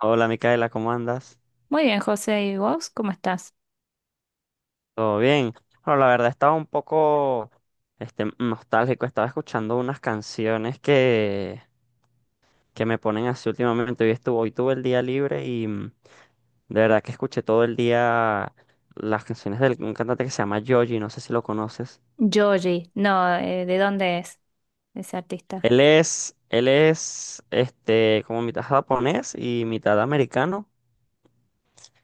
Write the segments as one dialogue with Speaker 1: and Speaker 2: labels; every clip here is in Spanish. Speaker 1: Hola Micaela, ¿cómo andas?
Speaker 2: Muy bien, José, ¿y vos cómo estás?
Speaker 1: ¿Todo bien? Bueno, la verdad estaba un poco nostálgico, estaba escuchando unas canciones que me ponen así últimamente. Hoy tuve el día libre y de verdad que escuché todo el día las canciones de un cantante que se llama Yoji, no sé si lo conoces.
Speaker 2: Joji, no, ¿de dónde es ese artista?
Speaker 1: Él es como mitad japonés y mitad americano.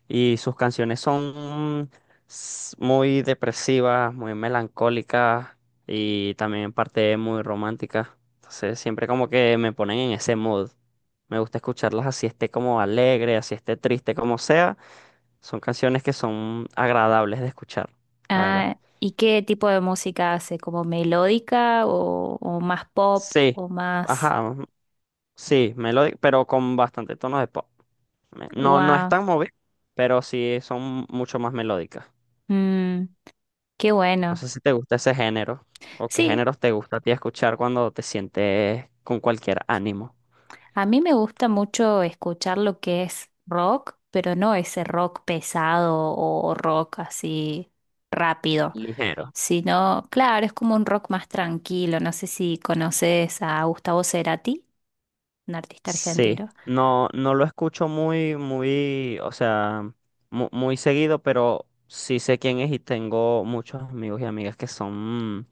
Speaker 1: Y sus canciones son muy depresivas, muy melancólicas y también en parte muy románticas. Entonces siempre como que me ponen en ese mood. Me gusta escucharlas así esté como alegre, así esté triste, como sea. Son canciones que son agradables de escuchar, la verdad.
Speaker 2: Ah, ¿y qué tipo de música hace? ¿Como melódica o más pop
Speaker 1: Sí,
Speaker 2: o más...
Speaker 1: ajá, sí, melódico, pero con bastante tono de pop. No, no es
Speaker 2: ¡Wow!
Speaker 1: tan movido, pero sí son mucho más melódicas.
Speaker 2: mm, qué
Speaker 1: No
Speaker 2: bueno.
Speaker 1: sé si te gusta ese género o qué
Speaker 2: Sí,
Speaker 1: géneros te gusta a ti escuchar cuando te sientes con cualquier ánimo.
Speaker 2: a mí me gusta mucho escuchar lo que es rock, pero no ese rock pesado o rock así rápido,
Speaker 1: Ligero.
Speaker 2: sino, claro, es como un rock más tranquilo. No sé si conoces a Gustavo Cerati, un artista
Speaker 1: Sí,
Speaker 2: argentino.
Speaker 1: no, no lo escucho muy, o sea, muy, seguido, pero sí sé quién es y tengo muchos amigos y amigas que son mm,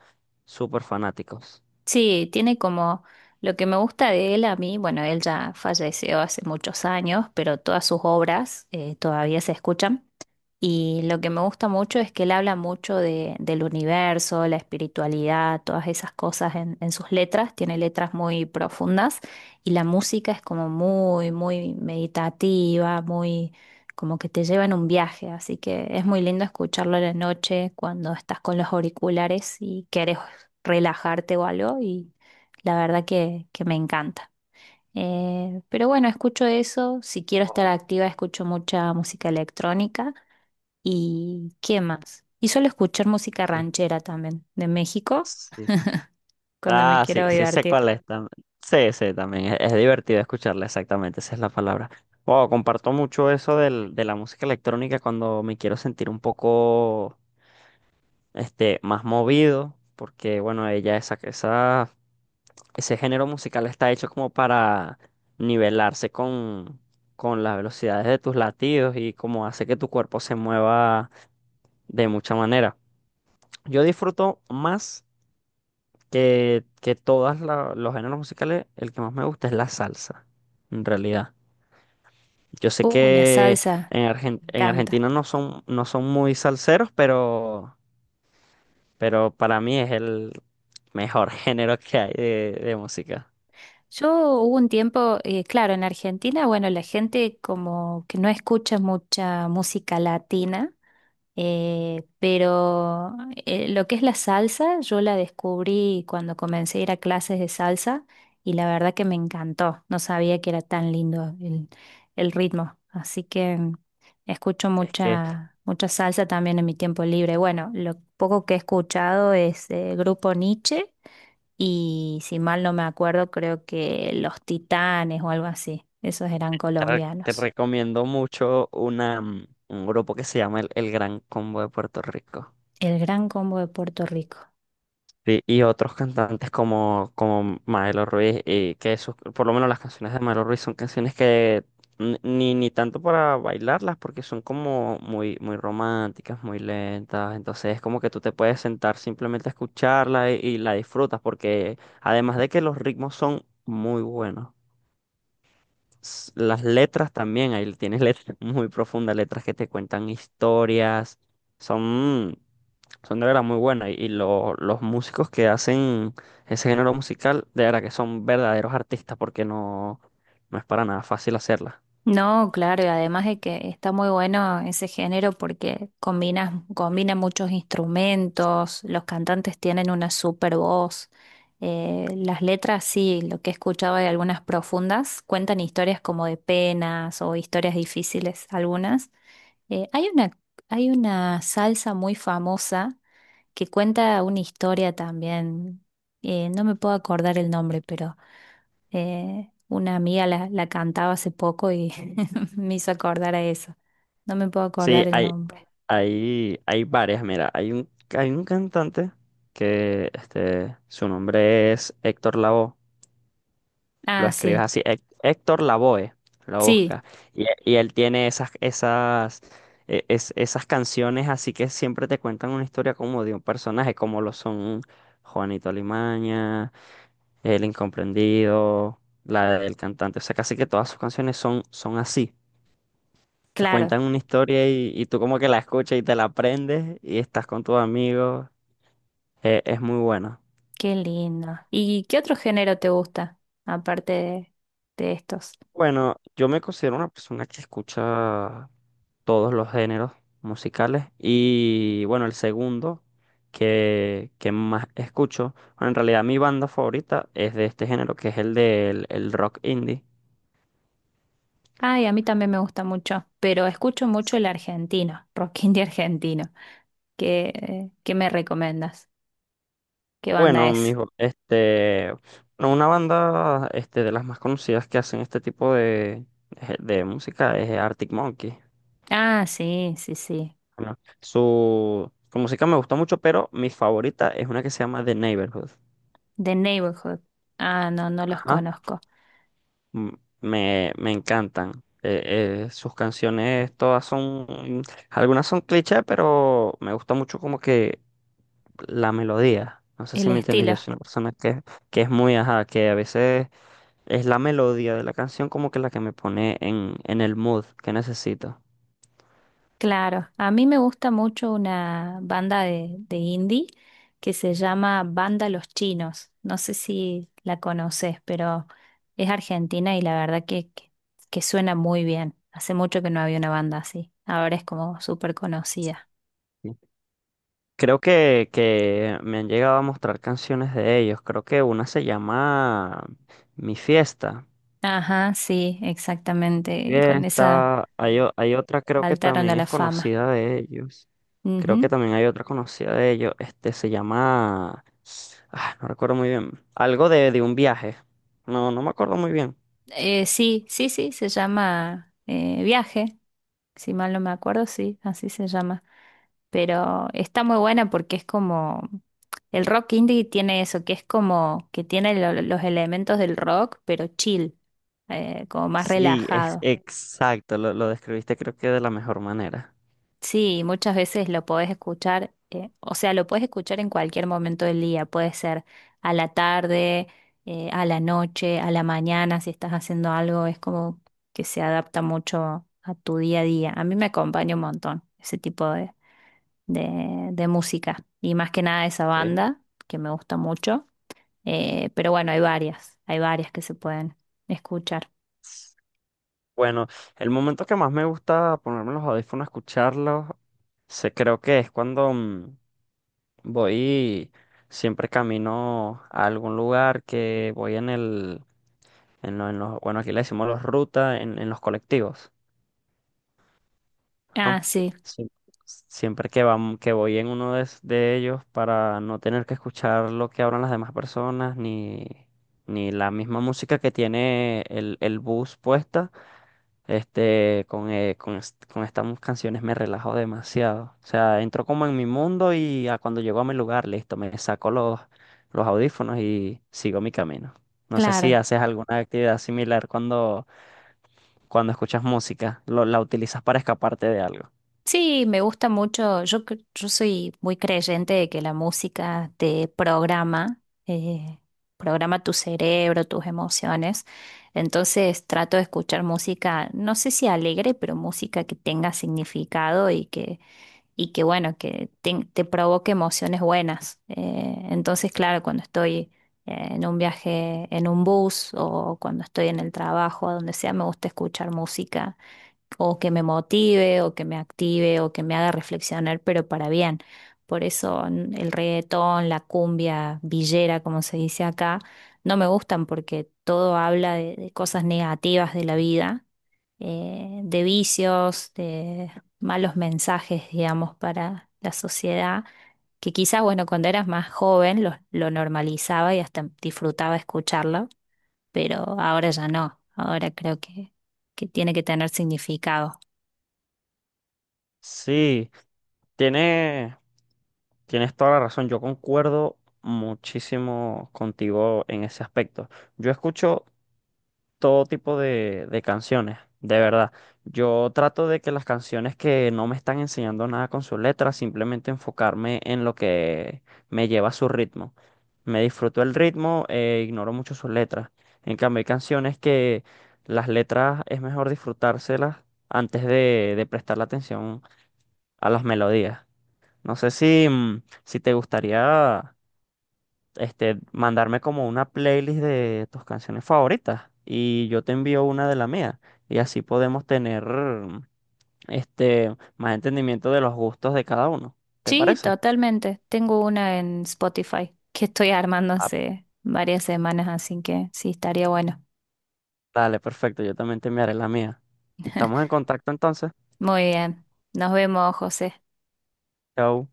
Speaker 1: súper fanáticos.
Speaker 2: Sí, tiene como lo que me gusta de él a mí, bueno, él ya falleció hace muchos años, pero todas sus obras todavía se escuchan. Y lo que me gusta mucho es que él habla mucho del universo, la espiritualidad, todas esas cosas en sus letras. Tiene letras muy profundas y la música es como muy meditativa, muy como que te lleva en un viaje. Así que es muy lindo escucharlo en la noche cuando estás con los auriculares y quieres relajarte o algo. Y la verdad que me encanta. Pero bueno, escucho eso. Si quiero estar
Speaker 1: Oh,
Speaker 2: activa, escucho mucha música electrónica. ¿Y qué más? Y suelo escuchar música
Speaker 1: sí.
Speaker 2: ranchera también, de México,
Speaker 1: Sí.
Speaker 2: cuando me
Speaker 1: Ah, sí,
Speaker 2: quiero
Speaker 1: sí sé
Speaker 2: divertir.
Speaker 1: cuál es tam- sí, sí, también es divertido escucharla, exactamente, esa es la palabra. Wow, comparto mucho eso de la música electrónica cuando me quiero sentir un poco más movido, porque bueno, esa, ese género musical está hecho como para nivelarse con las velocidades de tus latidos y como hace que tu cuerpo se mueva de mucha manera. Yo disfruto más. Que los géneros musicales, el que más me gusta es la salsa, en realidad. Yo sé
Speaker 2: La
Speaker 1: que
Speaker 2: salsa, me
Speaker 1: en
Speaker 2: encanta.
Speaker 1: Argentina no son, no son muy salseros, pero para mí es el mejor género que hay de música.
Speaker 2: Yo Hubo un tiempo, claro, en Argentina, bueno, la gente como que no escucha mucha música latina. Pero lo que es la salsa, yo la descubrí cuando comencé a ir a clases de salsa y la verdad que me encantó. No sabía que era tan lindo el ritmo. Así que escucho
Speaker 1: Es que
Speaker 2: mucha, mucha salsa también en mi tiempo libre. Bueno, lo poco que he escuchado es Grupo Nietzsche y si mal no me acuerdo, creo que Los Titanes o algo así. Esos eran
Speaker 1: te, re- Te
Speaker 2: colombianos.
Speaker 1: recomiendo mucho un grupo que se llama el Gran Combo de Puerto Rico.
Speaker 2: El Gran Combo de Puerto Rico.
Speaker 1: Sí, y otros cantantes como, como Maelo Ruiz, y por lo menos las canciones de Maelo Ruiz son canciones que ni tanto para bailarlas, porque son como muy, muy románticas, muy lentas, entonces es como que tú te puedes sentar simplemente a escucharla y la disfrutas, porque además de que los ritmos son muy buenos, las letras también, ahí tienes letras muy profundas, letras que te cuentan historias, son... Son de verdad muy buenas y los músicos que hacen ese género musical, de verdad que son verdaderos artistas porque no, no es para nada fácil hacerla.
Speaker 2: No, claro, y además de que está muy bueno ese género porque combina muchos instrumentos, los cantantes tienen una super voz, las letras sí, lo que he escuchado de algunas profundas, cuentan historias como de penas o historias difíciles algunas. Eh, hay una, hay una salsa muy famosa que cuenta una historia también, no me puedo acordar el nombre, pero una amiga la cantaba hace poco y me hizo acordar a eso. No me puedo
Speaker 1: Sí,
Speaker 2: acordar el
Speaker 1: hay, ¿cuál?
Speaker 2: nombre.
Speaker 1: Hay varias, mira, hay un cantante que su nombre es Héctor Lavoe, lo
Speaker 2: Ah,
Speaker 1: escribes
Speaker 2: sí.
Speaker 1: así, Héctor Lavoe, lo
Speaker 2: Sí,
Speaker 1: busca, y él tiene esas, esas, esas canciones así que siempre te cuentan una historia como de un personaje, como lo son... Juanito Alimaña, El Incomprendido, la del cantante. O sea, casi que todas sus canciones son, son así. Te
Speaker 2: claro.
Speaker 1: cuentan una historia y tú como que la escuchas y te la aprendes y estás con tus amigos. Es muy bueno.
Speaker 2: Qué lindo. ¿Y qué otro género te gusta, aparte de estos?
Speaker 1: Bueno, yo me considero una persona que escucha todos los géneros musicales y bueno, el segundo que más escucho, bueno, en realidad mi banda favorita es de este género, que es el del el rock indie.
Speaker 2: Ay, a mí también me gusta mucho, pero escucho mucho el argentino, rock indie argentino. ¿Qué, qué me recomiendas? ¿Qué banda
Speaker 1: Bueno,
Speaker 2: es?
Speaker 1: mijo, bueno, una banda, de las más conocidas que hacen este tipo de música es Arctic Monkey.
Speaker 2: Ah, sí, sí, sí.
Speaker 1: Bueno, su música me gusta mucho, pero mi favorita es una que se llama The Neighborhood.
Speaker 2: The Neighborhood. Ah, no, no los
Speaker 1: Ajá,
Speaker 2: conozco.
Speaker 1: m- me encantan. Sus canciones todas son, algunas son clichés, pero me gusta mucho como que la melodía. No sé si
Speaker 2: El
Speaker 1: me entiendes, yo
Speaker 2: estilo.
Speaker 1: soy una persona que es muy, ajá, que a veces es la melodía de la canción como que la que me pone en el mood que necesito.
Speaker 2: Claro, a mí me gusta mucho una banda de indie que se llama Banda Los Chinos. No sé si la conoces, pero es argentina y la verdad que suena muy bien. Hace mucho que no había una banda así. Ahora es como súper conocida.
Speaker 1: Sí. Creo que me han llegado a mostrar canciones de ellos. Creo que una se llama Mi Fiesta.
Speaker 2: Ajá, sí, exactamente. Con esa
Speaker 1: Fiesta. Hay, hay otra creo que
Speaker 2: saltaron a
Speaker 1: también
Speaker 2: la
Speaker 1: es
Speaker 2: fama.
Speaker 1: conocida de ellos. Creo que
Speaker 2: Ujú.
Speaker 1: también hay otra conocida de ellos. Este se llama... ah, no recuerdo muy bien. Algo de un viaje. No, no me acuerdo muy bien.
Speaker 2: Sí, sí, sí, se llama Viaje. Si mal no me acuerdo, sí, así se llama. Pero está muy buena porque es como, el rock indie tiene eso, que es como que tiene los elementos del rock, pero chill, como más
Speaker 1: Sí, es
Speaker 2: relajado.
Speaker 1: exacto. Lo describiste creo que de la mejor manera.
Speaker 2: Sí, muchas veces lo podés escuchar, o sea, lo podés escuchar en cualquier momento del día, puede ser a la tarde, a la noche, a la mañana, si estás haciendo algo, es como que se adapta mucho a tu día a día. A mí me acompaña un montón ese tipo de... de música y más que nada esa banda que me gusta mucho. Pero bueno, hay varias que se pueden escuchar.
Speaker 1: Bueno, el momento que más me gusta ponerme los audífonos, escucharlos, se creo que es cuando voy, siempre camino a algún lugar que voy en los, bueno, aquí le decimos los rutas, en los colectivos. Ajá.
Speaker 2: Ah, sí,
Speaker 1: Sie- Siempre que que voy en uno de, de ellos para no tener que escuchar lo que hablan las demás personas, ni, ni la misma música que tiene el bus puesta. Este, con estas canciones me relajo demasiado. O sea, entro como en mi mundo y a cuando llego a mi lugar, listo, me saco los audífonos y sigo mi camino. No sé si
Speaker 2: claro.
Speaker 1: haces alguna actividad similar cuando, cuando escuchas música, la utilizas para escaparte de algo.
Speaker 2: Sí, me gusta mucho. Yo, yo soy muy creyente de que la música te programa, eh, programa tu cerebro, tus emociones. Entonces trato de escuchar música, no sé si alegre, pero música que tenga significado y que bueno, te provoque emociones buenas. Entonces, claro, cuando estoy en un viaje en un bus o cuando estoy en el trabajo, a donde sea, me gusta escuchar música o que me motive, o que me active, o que me haga reflexionar, pero para bien. Por eso el reggaetón, la cumbia villera, como se dice acá, no me gustan porque todo habla de cosas negativas de la vida, de vicios, de malos mensajes, digamos, para la sociedad, que quizás, bueno, cuando eras más joven lo normalizaba y hasta disfrutaba escucharlo, pero ahora ya no, ahora que tiene que tener significado.
Speaker 1: Sí, tiene, tienes toda la razón, yo concuerdo muchísimo contigo en ese aspecto. Yo escucho todo tipo de canciones, de verdad. Yo trato de que las canciones que no me están enseñando nada con su letra, simplemente enfocarme en lo que me lleva a su ritmo. Me disfruto el ritmo e ignoro mucho sus letras. En cambio, hay canciones que las letras es mejor disfrutárselas antes de prestar la atención a las melodías. No sé si, si te gustaría mandarme como una playlist de tus canciones favoritas y yo te envío una de la mía y así podemos tener más entendimiento de los gustos de cada uno. ¿Te
Speaker 2: Sí,
Speaker 1: parece?
Speaker 2: totalmente. Tengo una en Spotify que estoy armando
Speaker 1: Ah,
Speaker 2: hace varias semanas, así que sí, estaría bueno.
Speaker 1: dale, perfecto, yo también te enviaré la mía. Estamos en contacto entonces.
Speaker 2: Muy bien. Nos vemos, José.
Speaker 1: Chao.